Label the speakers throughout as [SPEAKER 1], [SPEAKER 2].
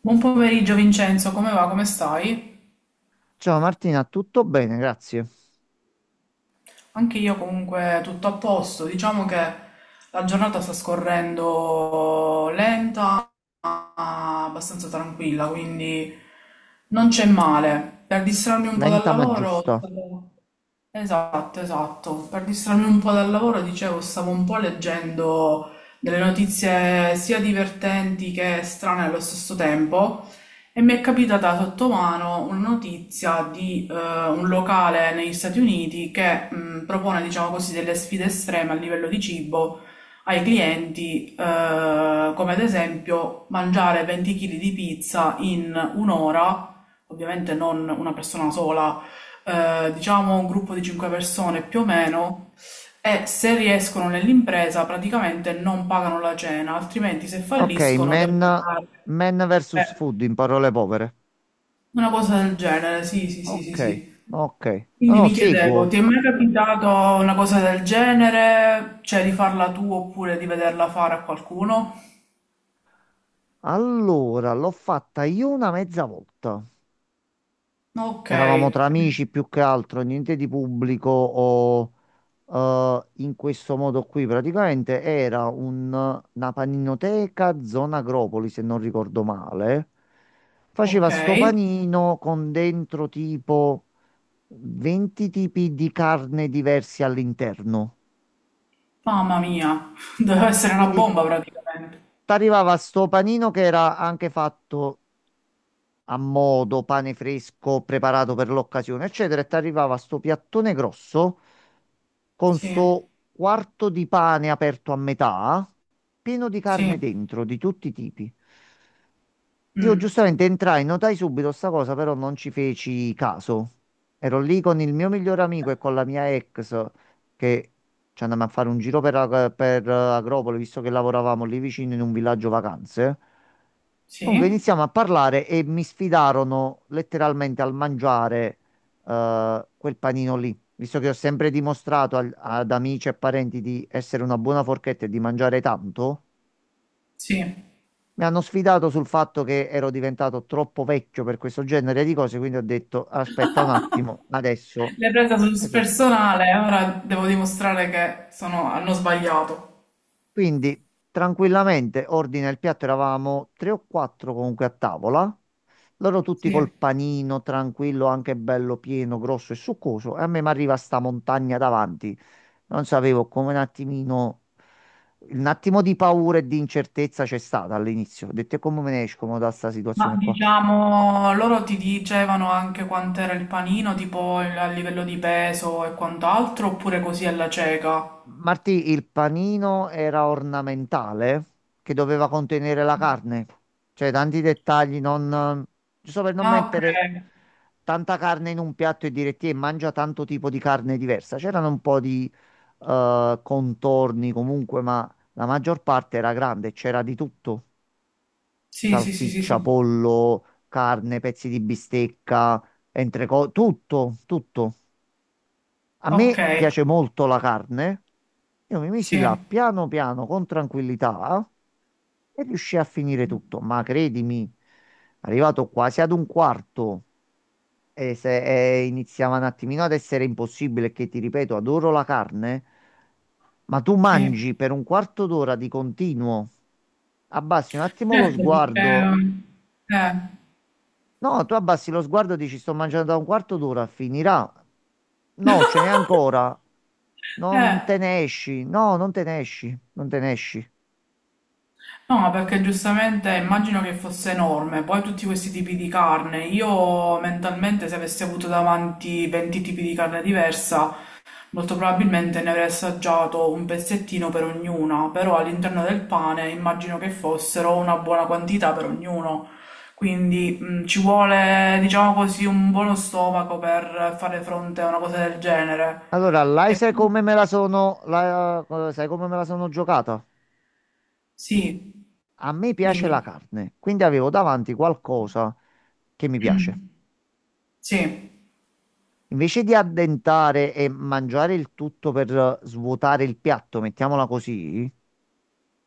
[SPEAKER 1] Buon pomeriggio Vincenzo, come va? Come stai?
[SPEAKER 2] Ciao Martina, tutto bene, grazie.
[SPEAKER 1] Anche io comunque tutto a posto, diciamo che la giornata sta scorrendo lenta, ma abbastanza tranquilla, quindi non c'è male. Per distrarmi un po' dal
[SPEAKER 2] Lenta ma
[SPEAKER 1] lavoro,
[SPEAKER 2] giusta.
[SPEAKER 1] Esatto, esatto. Per distrarmi un po' dal lavoro, dicevo, stavo un po' leggendo delle notizie sia divertenti che strane allo stesso tempo e mi è capitata sotto mano una notizia di un locale negli Stati Uniti che propone, diciamo così, delle sfide estreme a livello di cibo ai clienti, come ad esempio mangiare 20 kg di pizza in un'ora, ovviamente non una persona sola, diciamo un gruppo di cinque persone più o meno, e se riescono nell'impresa praticamente non pagano la cena, altrimenti se
[SPEAKER 2] Ok,
[SPEAKER 1] falliscono devono
[SPEAKER 2] men,
[SPEAKER 1] pagare.
[SPEAKER 2] men versus
[SPEAKER 1] Eh,
[SPEAKER 2] food in parole povere.
[SPEAKER 1] una cosa del genere, sì, sì, sì, sì,
[SPEAKER 2] Ok,
[SPEAKER 1] sì.
[SPEAKER 2] ok. No,
[SPEAKER 1] Quindi
[SPEAKER 2] no,
[SPEAKER 1] mi chiedevo,
[SPEAKER 2] seguo.
[SPEAKER 1] ti è mai capitato una cosa del genere? Cioè di farla tu oppure di vederla fare a qualcuno?
[SPEAKER 2] Allora, l'ho fatta io una mezza volta.
[SPEAKER 1] Ok,
[SPEAKER 2] Eravamo tra amici più che altro, niente di pubblico o in questo modo qui. Praticamente era una paninoteca zona Agropoli, se non ricordo male. Faceva
[SPEAKER 1] ok.
[SPEAKER 2] sto panino con dentro tipo 20 tipi di carne diversi all'interno.
[SPEAKER 1] Mamma mia, deve essere una
[SPEAKER 2] Quindi
[SPEAKER 1] bomba praticamente.
[SPEAKER 2] ti arrivava sto panino che era anche fatto a modo, pane fresco, preparato per l'occasione, eccetera, e ti arrivava sto piattone grosso con
[SPEAKER 1] Sì,
[SPEAKER 2] sto quarto di pane aperto a metà, pieno di carne
[SPEAKER 1] sì,
[SPEAKER 2] dentro, di tutti i tipi. Io
[SPEAKER 1] mm,
[SPEAKER 2] giustamente entrai, notai subito sta cosa, però non ci feci caso. Ero lì con il mio migliore amico e con la mia ex che ci andammo a fare un giro per, per Agropoli, visto che lavoravamo lì vicino in un villaggio vacanze. Comunque
[SPEAKER 1] sì,
[SPEAKER 2] iniziamo a parlare e mi sfidarono letteralmente al mangiare quel panino lì, visto che ho sempre dimostrato ad amici e parenti di essere una buona forchetta e di mangiare tanto.
[SPEAKER 1] sì.
[SPEAKER 2] Mi hanno sfidato sul fatto che ero diventato troppo vecchio per questo genere di cose, quindi ho detto aspetta un attimo, adesso.
[SPEAKER 1] L'hai presa sul
[SPEAKER 2] Esercito".
[SPEAKER 1] personale, ora devo dimostrare che hanno sbagliato.
[SPEAKER 2] Quindi tranquillamente ordina il piatto, eravamo tre o quattro comunque a tavola, loro tutti col
[SPEAKER 1] Sì.
[SPEAKER 2] panino tranquillo, anche bello pieno, grosso e succoso, e a me mi arriva sta montagna davanti. Non sapevo come un attimino, un attimo di paura e di incertezza c'è stata all'inizio. Ho detto "E come me ne esco mo da sta
[SPEAKER 1] Ma
[SPEAKER 2] situazione qua".
[SPEAKER 1] diciamo, loro ti dicevano anche quant'era il panino, tipo a livello di peso e quant'altro, oppure così alla cieca?
[SPEAKER 2] Martì, il panino era ornamentale che doveva contenere la carne, cioè tanti dettagli, non, giusto per non
[SPEAKER 1] Ah, ok.
[SPEAKER 2] mettere tanta carne in un piatto e dire ti mangia tanto tipo di carne diversa. C'erano un po' di contorni comunque, ma la maggior parte era grande, c'era di tutto,
[SPEAKER 1] Sì, sì, sì, sì,
[SPEAKER 2] salsiccia,
[SPEAKER 1] sì.
[SPEAKER 2] pollo, carne, pezzi di bistecca, entrecot, tutto, tutto. A
[SPEAKER 1] Ok,
[SPEAKER 2] me piace molto la carne. Io mi misi
[SPEAKER 1] sì,
[SPEAKER 2] là piano piano con tranquillità e riuscii a finire tutto. Ma credimi, arrivato quasi ad un quarto e se e iniziava un attimino ad essere impossibile, che ti ripeto, adoro la carne, ma tu
[SPEAKER 1] sì.
[SPEAKER 2] mangi per un quarto d'ora di continuo, abbassi un attimo lo
[SPEAKER 1] Certo, perché...
[SPEAKER 2] sguardo.
[SPEAKER 1] Eh.
[SPEAKER 2] No, tu abbassi lo sguardo e dici sto mangiando da un quarto d'ora, finirà. No, ce n'è ancora. Non
[SPEAKER 1] Eh.
[SPEAKER 2] te ne esci. No, non te ne esci. Non te ne esci.
[SPEAKER 1] No, perché giustamente immagino che fosse enorme, poi tutti questi tipi di carne, io mentalmente se avessi avuto davanti 20 tipi di carne diversa, molto probabilmente ne avrei assaggiato un pezzettino per ognuna, però all'interno del pane immagino che fossero una buona quantità per ognuno, quindi ci vuole, diciamo così, un buono stomaco per fare fronte a una cosa del genere.
[SPEAKER 2] Allora, là sai come me la sono, sai come me la sono giocata?
[SPEAKER 1] Sì,
[SPEAKER 2] A me piace la
[SPEAKER 1] dimmi.
[SPEAKER 2] carne, quindi avevo davanti qualcosa che mi piace.
[SPEAKER 1] Sì.
[SPEAKER 2] Invece di addentare e mangiare il tutto per svuotare il piatto, mettiamola così,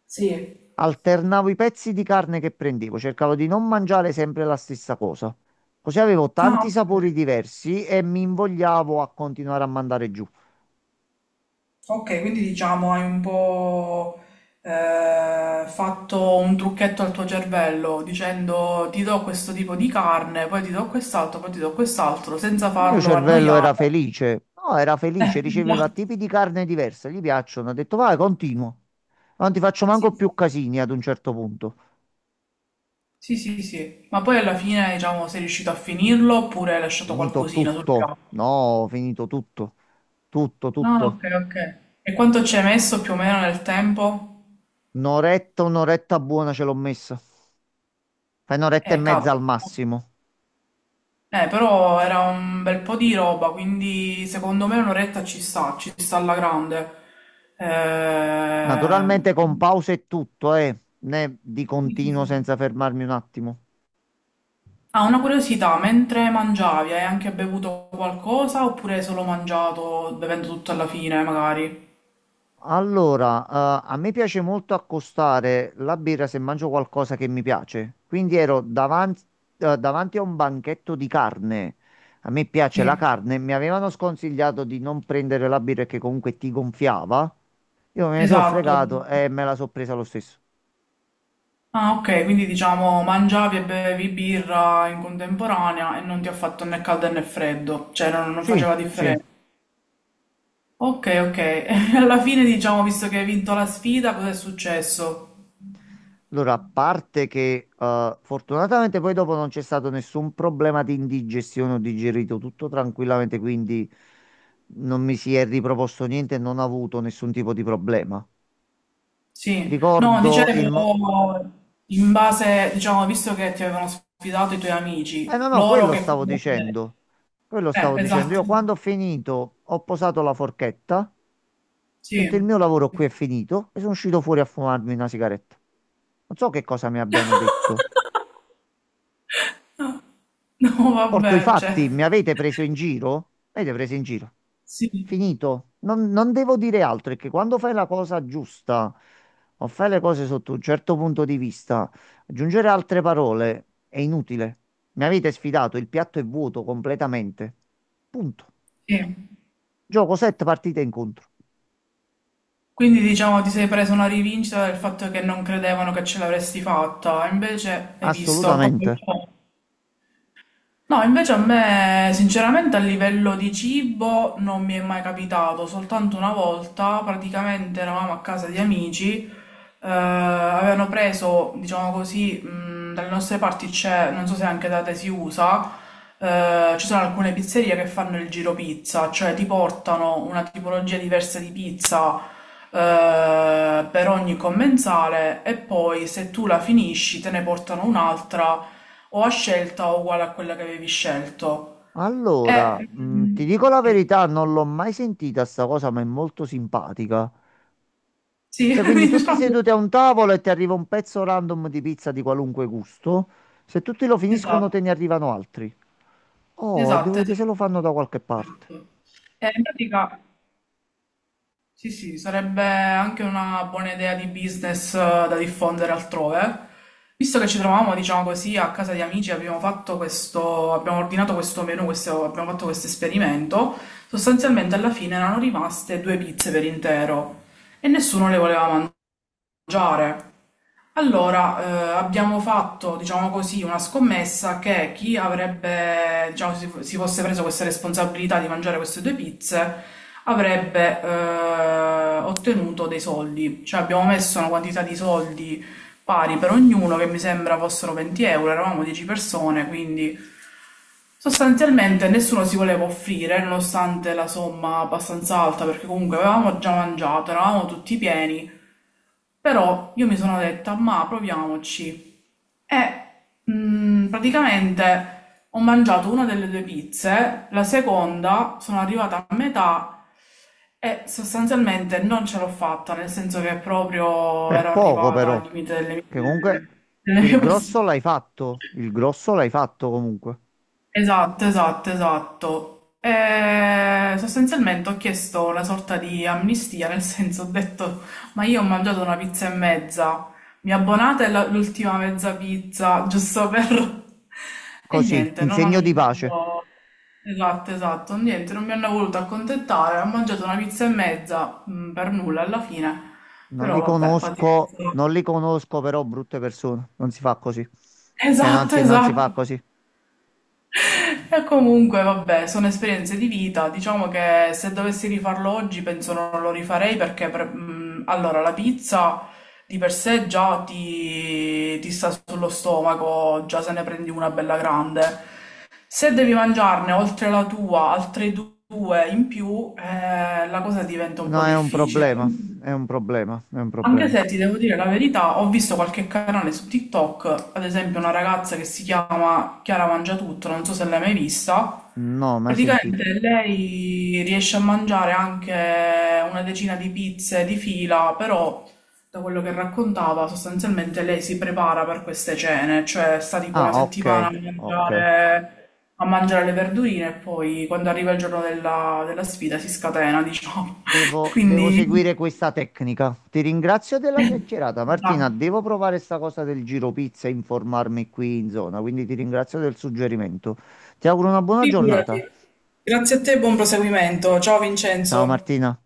[SPEAKER 1] Sì.
[SPEAKER 2] alternavo i pezzi di carne che prendevo, cercavo di non mangiare sempre la stessa cosa. Così avevo
[SPEAKER 1] Ah,
[SPEAKER 2] tanti
[SPEAKER 1] ok.
[SPEAKER 2] sapori diversi e mi invogliavo a continuare a mandare giù.
[SPEAKER 1] Ok, quindi diciamo hai un po' fatto un trucchetto al tuo cervello dicendo ti do questo tipo di carne, poi ti do quest'altro, poi ti do quest'altro, senza
[SPEAKER 2] Il mio
[SPEAKER 1] farlo
[SPEAKER 2] cervello era
[SPEAKER 1] annoiare.
[SPEAKER 2] felice. No, era felice, riceveva
[SPEAKER 1] Esatto.
[SPEAKER 2] tipi di carne diversa, gli piacciono. Ho detto, vai, continuo. Non ti faccio
[SPEAKER 1] Sì,
[SPEAKER 2] manco
[SPEAKER 1] sì.
[SPEAKER 2] più casini ad un certo punto.
[SPEAKER 1] Sì, sì, sì. Ma poi alla fine, diciamo, sei riuscito a finirlo oppure hai lasciato
[SPEAKER 2] Finito
[SPEAKER 1] qualcosina sul
[SPEAKER 2] tutto.
[SPEAKER 1] piatto?
[SPEAKER 2] No, finito tutto. Tutto,
[SPEAKER 1] No, ok,
[SPEAKER 2] tutto.
[SPEAKER 1] ok. E quanto ci hai messo più o meno nel tempo?
[SPEAKER 2] Un'oretta, un'oretta buona ce l'ho messa. Fai un'oretta e mezza al
[SPEAKER 1] Cavolo.
[SPEAKER 2] massimo.
[SPEAKER 1] Però era un bel po' di roba, quindi secondo me un'oretta ci sta alla grande. Eh,
[SPEAKER 2] Naturalmente con pause e tutto, eh. Né di
[SPEAKER 1] sì, sì,
[SPEAKER 2] continuo senza
[SPEAKER 1] sì.
[SPEAKER 2] fermarmi un attimo.
[SPEAKER 1] Ah, una curiosità, mentre mangiavi hai anche bevuto qualcosa oppure hai solo mangiato bevendo tutto alla fine, magari?
[SPEAKER 2] Allora, a me piace molto accostare la birra se mangio qualcosa che mi piace. Quindi ero davanti, davanti a un banchetto di carne. A me piace
[SPEAKER 1] Sì,
[SPEAKER 2] la carne. Mi avevano sconsigliato di non prendere la birra che comunque ti gonfiava. Io me ne sono
[SPEAKER 1] esatto.
[SPEAKER 2] fregato e me la sono presa lo stesso.
[SPEAKER 1] Ah, ok, quindi diciamo mangiavi e bevi birra in contemporanea e non ti ha fatto né caldo né freddo, cioè non
[SPEAKER 2] Sì,
[SPEAKER 1] faceva
[SPEAKER 2] sì.
[SPEAKER 1] differenza. Okay, okay. Alla fine diciamo, visto che hai vinto la sfida, cos'è successo?
[SPEAKER 2] Allora, a parte che fortunatamente poi dopo non c'è stato nessun problema di indigestione, ho digerito tutto tranquillamente, quindi non mi si è riproposto niente e non ho avuto nessun tipo di problema.
[SPEAKER 1] Sì. No,
[SPEAKER 2] Ricordo il...
[SPEAKER 1] dicevo, in base, diciamo, visto che ti avevano sfidato i tuoi
[SPEAKER 2] Eh no,
[SPEAKER 1] amici,
[SPEAKER 2] no,
[SPEAKER 1] loro
[SPEAKER 2] quello
[SPEAKER 1] che
[SPEAKER 2] stavo
[SPEAKER 1] comunque...
[SPEAKER 2] dicendo. Quello stavo dicendo.
[SPEAKER 1] Esatto.
[SPEAKER 2] Io quando ho finito ho posato la forchetta, ho
[SPEAKER 1] Sì.
[SPEAKER 2] detto il mio lavoro qui è finito e sono uscito fuori a fumarmi una sigaretta. Non so che cosa mi abbiano detto.
[SPEAKER 1] No, no,
[SPEAKER 2] Porto i
[SPEAKER 1] vabbè, cioè...
[SPEAKER 2] fatti, mi avete preso in giro? Mi avete preso in giro?
[SPEAKER 1] Sì,
[SPEAKER 2] Finito. Non devo dire altro, è che quando fai la cosa giusta o fai le cose sotto un certo punto di vista, aggiungere altre parole è inutile. Mi avete sfidato, il piatto è vuoto completamente. Punto.
[SPEAKER 1] sì.
[SPEAKER 2] Gioco 7 partite incontro.
[SPEAKER 1] Quindi diciamo ti sei presa una rivincita del fatto che non credevano che ce l'avresti fatta, invece hai visto...
[SPEAKER 2] Assolutamente.
[SPEAKER 1] No, invece a me, sinceramente, a livello di cibo non mi è mai capitato, soltanto una volta praticamente eravamo a casa di amici, avevano preso, diciamo così, dalle nostre parti c'è, non so se anche da te si usa, ci sono alcune pizzerie che fanno il giro pizza, cioè ti portano una tipologia diversa di pizza, per ogni commensale e poi se tu la finisci te ne portano un'altra o a scelta o uguale a quella che avevi scelto. E,
[SPEAKER 2] Allora,
[SPEAKER 1] mm,
[SPEAKER 2] ti dico la
[SPEAKER 1] sì,
[SPEAKER 2] verità, non l'ho mai sentita sta cosa, ma è molto simpatica.
[SPEAKER 1] sì,
[SPEAKER 2] Cioè, quindi tutti
[SPEAKER 1] diciamo,
[SPEAKER 2] seduti a un tavolo e ti arriva un pezzo random di pizza di qualunque gusto. Se tutti lo finiscono, te ne
[SPEAKER 1] esatto,
[SPEAKER 2] arrivano altri. Oh, devo
[SPEAKER 1] esatto,
[SPEAKER 2] vedere
[SPEAKER 1] esatto.
[SPEAKER 2] se lo fanno da qualche parte.
[SPEAKER 1] E in pratica, sì, sì, sarebbe anche una buona idea di business, da diffondere altrove. Visto che ci trovavamo, diciamo così, a casa di amici, abbiamo fatto questo, abbiamo ordinato questo menù, abbiamo fatto questo esperimento. Sostanzialmente alla fine erano rimaste due pizze per intero e nessuno le voleva mangiare. Allora, abbiamo fatto, diciamo così, una scommessa che chi avrebbe, diciamo, si fosse preso questa responsabilità di mangiare queste due pizze avrebbe ottenuto dei soldi. Cioè abbiamo messo una quantità di soldi pari per ognuno, che mi sembra fossero 20 euro, eravamo 10 persone, quindi sostanzialmente nessuno si voleva offrire, nonostante la somma abbastanza alta, perché comunque avevamo già mangiato, eravamo tutti pieni. Però io mi sono detta, ma proviamoci. E praticamente ho mangiato una delle due pizze, la seconda sono arrivata a metà e sostanzialmente non ce l'ho fatta, nel senso che proprio
[SPEAKER 2] Per
[SPEAKER 1] ero
[SPEAKER 2] poco
[SPEAKER 1] arrivata
[SPEAKER 2] però,
[SPEAKER 1] al limite
[SPEAKER 2] che comunque
[SPEAKER 1] delle
[SPEAKER 2] il
[SPEAKER 1] mie
[SPEAKER 2] grosso
[SPEAKER 1] possibilità.
[SPEAKER 2] l'hai fatto, il grosso l'hai fatto comunque.
[SPEAKER 1] Esatto, esatto, esatto. E sostanzialmente ho chiesto una sorta di amnistia, nel senso ho detto, ma io ho mangiato una pizza e mezza, mi abbonate l'ultima mezza pizza, giusto per... E
[SPEAKER 2] Così,
[SPEAKER 1] niente,
[SPEAKER 2] in
[SPEAKER 1] non
[SPEAKER 2] segno
[SPEAKER 1] hanno
[SPEAKER 2] di pace.
[SPEAKER 1] voluto... Esatto, esatto, niente, non mi hanno voluto accontentare, ho mangiato una pizza e mezza, mm, per nulla alla fine,
[SPEAKER 2] Non
[SPEAKER 1] però
[SPEAKER 2] li
[SPEAKER 1] vabbè,
[SPEAKER 2] conosco,
[SPEAKER 1] pazienza.
[SPEAKER 2] non li conosco però brutte persone, non si fa così. Cioè non
[SPEAKER 1] Esatto,
[SPEAKER 2] si, non si
[SPEAKER 1] esatto.
[SPEAKER 2] fa così.
[SPEAKER 1] E comunque, vabbè, sono esperienze di vita. Diciamo che se dovessi rifarlo oggi, penso non lo rifarei perché, allora, la pizza di per sé già ti sta sullo stomaco, già se ne prendi una bella grande. Se devi mangiarne oltre la tua, altre due in più, la cosa diventa un po'
[SPEAKER 2] No, è un
[SPEAKER 1] difficile.
[SPEAKER 2] problema, è un problema, è un
[SPEAKER 1] Anche
[SPEAKER 2] problema.
[SPEAKER 1] se ti devo dire la verità, ho visto qualche canale su TikTok, ad esempio una ragazza che si chiama Chiara Mangiatutto, non so se l'hai mai vista.
[SPEAKER 2] No, mai sentito.
[SPEAKER 1] Praticamente lei riesce a mangiare anche una decina di pizze di fila, però da quello che raccontava, sostanzialmente lei si prepara per queste cene, cioè sta tipo una
[SPEAKER 2] Ah, ok,
[SPEAKER 1] settimana
[SPEAKER 2] ok.
[SPEAKER 1] a mangiare le verdurine e poi quando arriva il giorno della sfida si scatena, diciamo.
[SPEAKER 2] Devo, devo seguire
[SPEAKER 1] Quindi...
[SPEAKER 2] questa tecnica. Ti ringrazio della chiacchierata, Martina.
[SPEAKER 1] esatto.
[SPEAKER 2] Devo provare sta cosa del giro pizza e informarmi qui in zona, quindi ti ringrazio del suggerimento. Ti auguro una buona giornata.
[SPEAKER 1] Figurati. Grazie a te e buon proseguimento. Ciao
[SPEAKER 2] Ciao
[SPEAKER 1] Vincenzo.
[SPEAKER 2] Martina.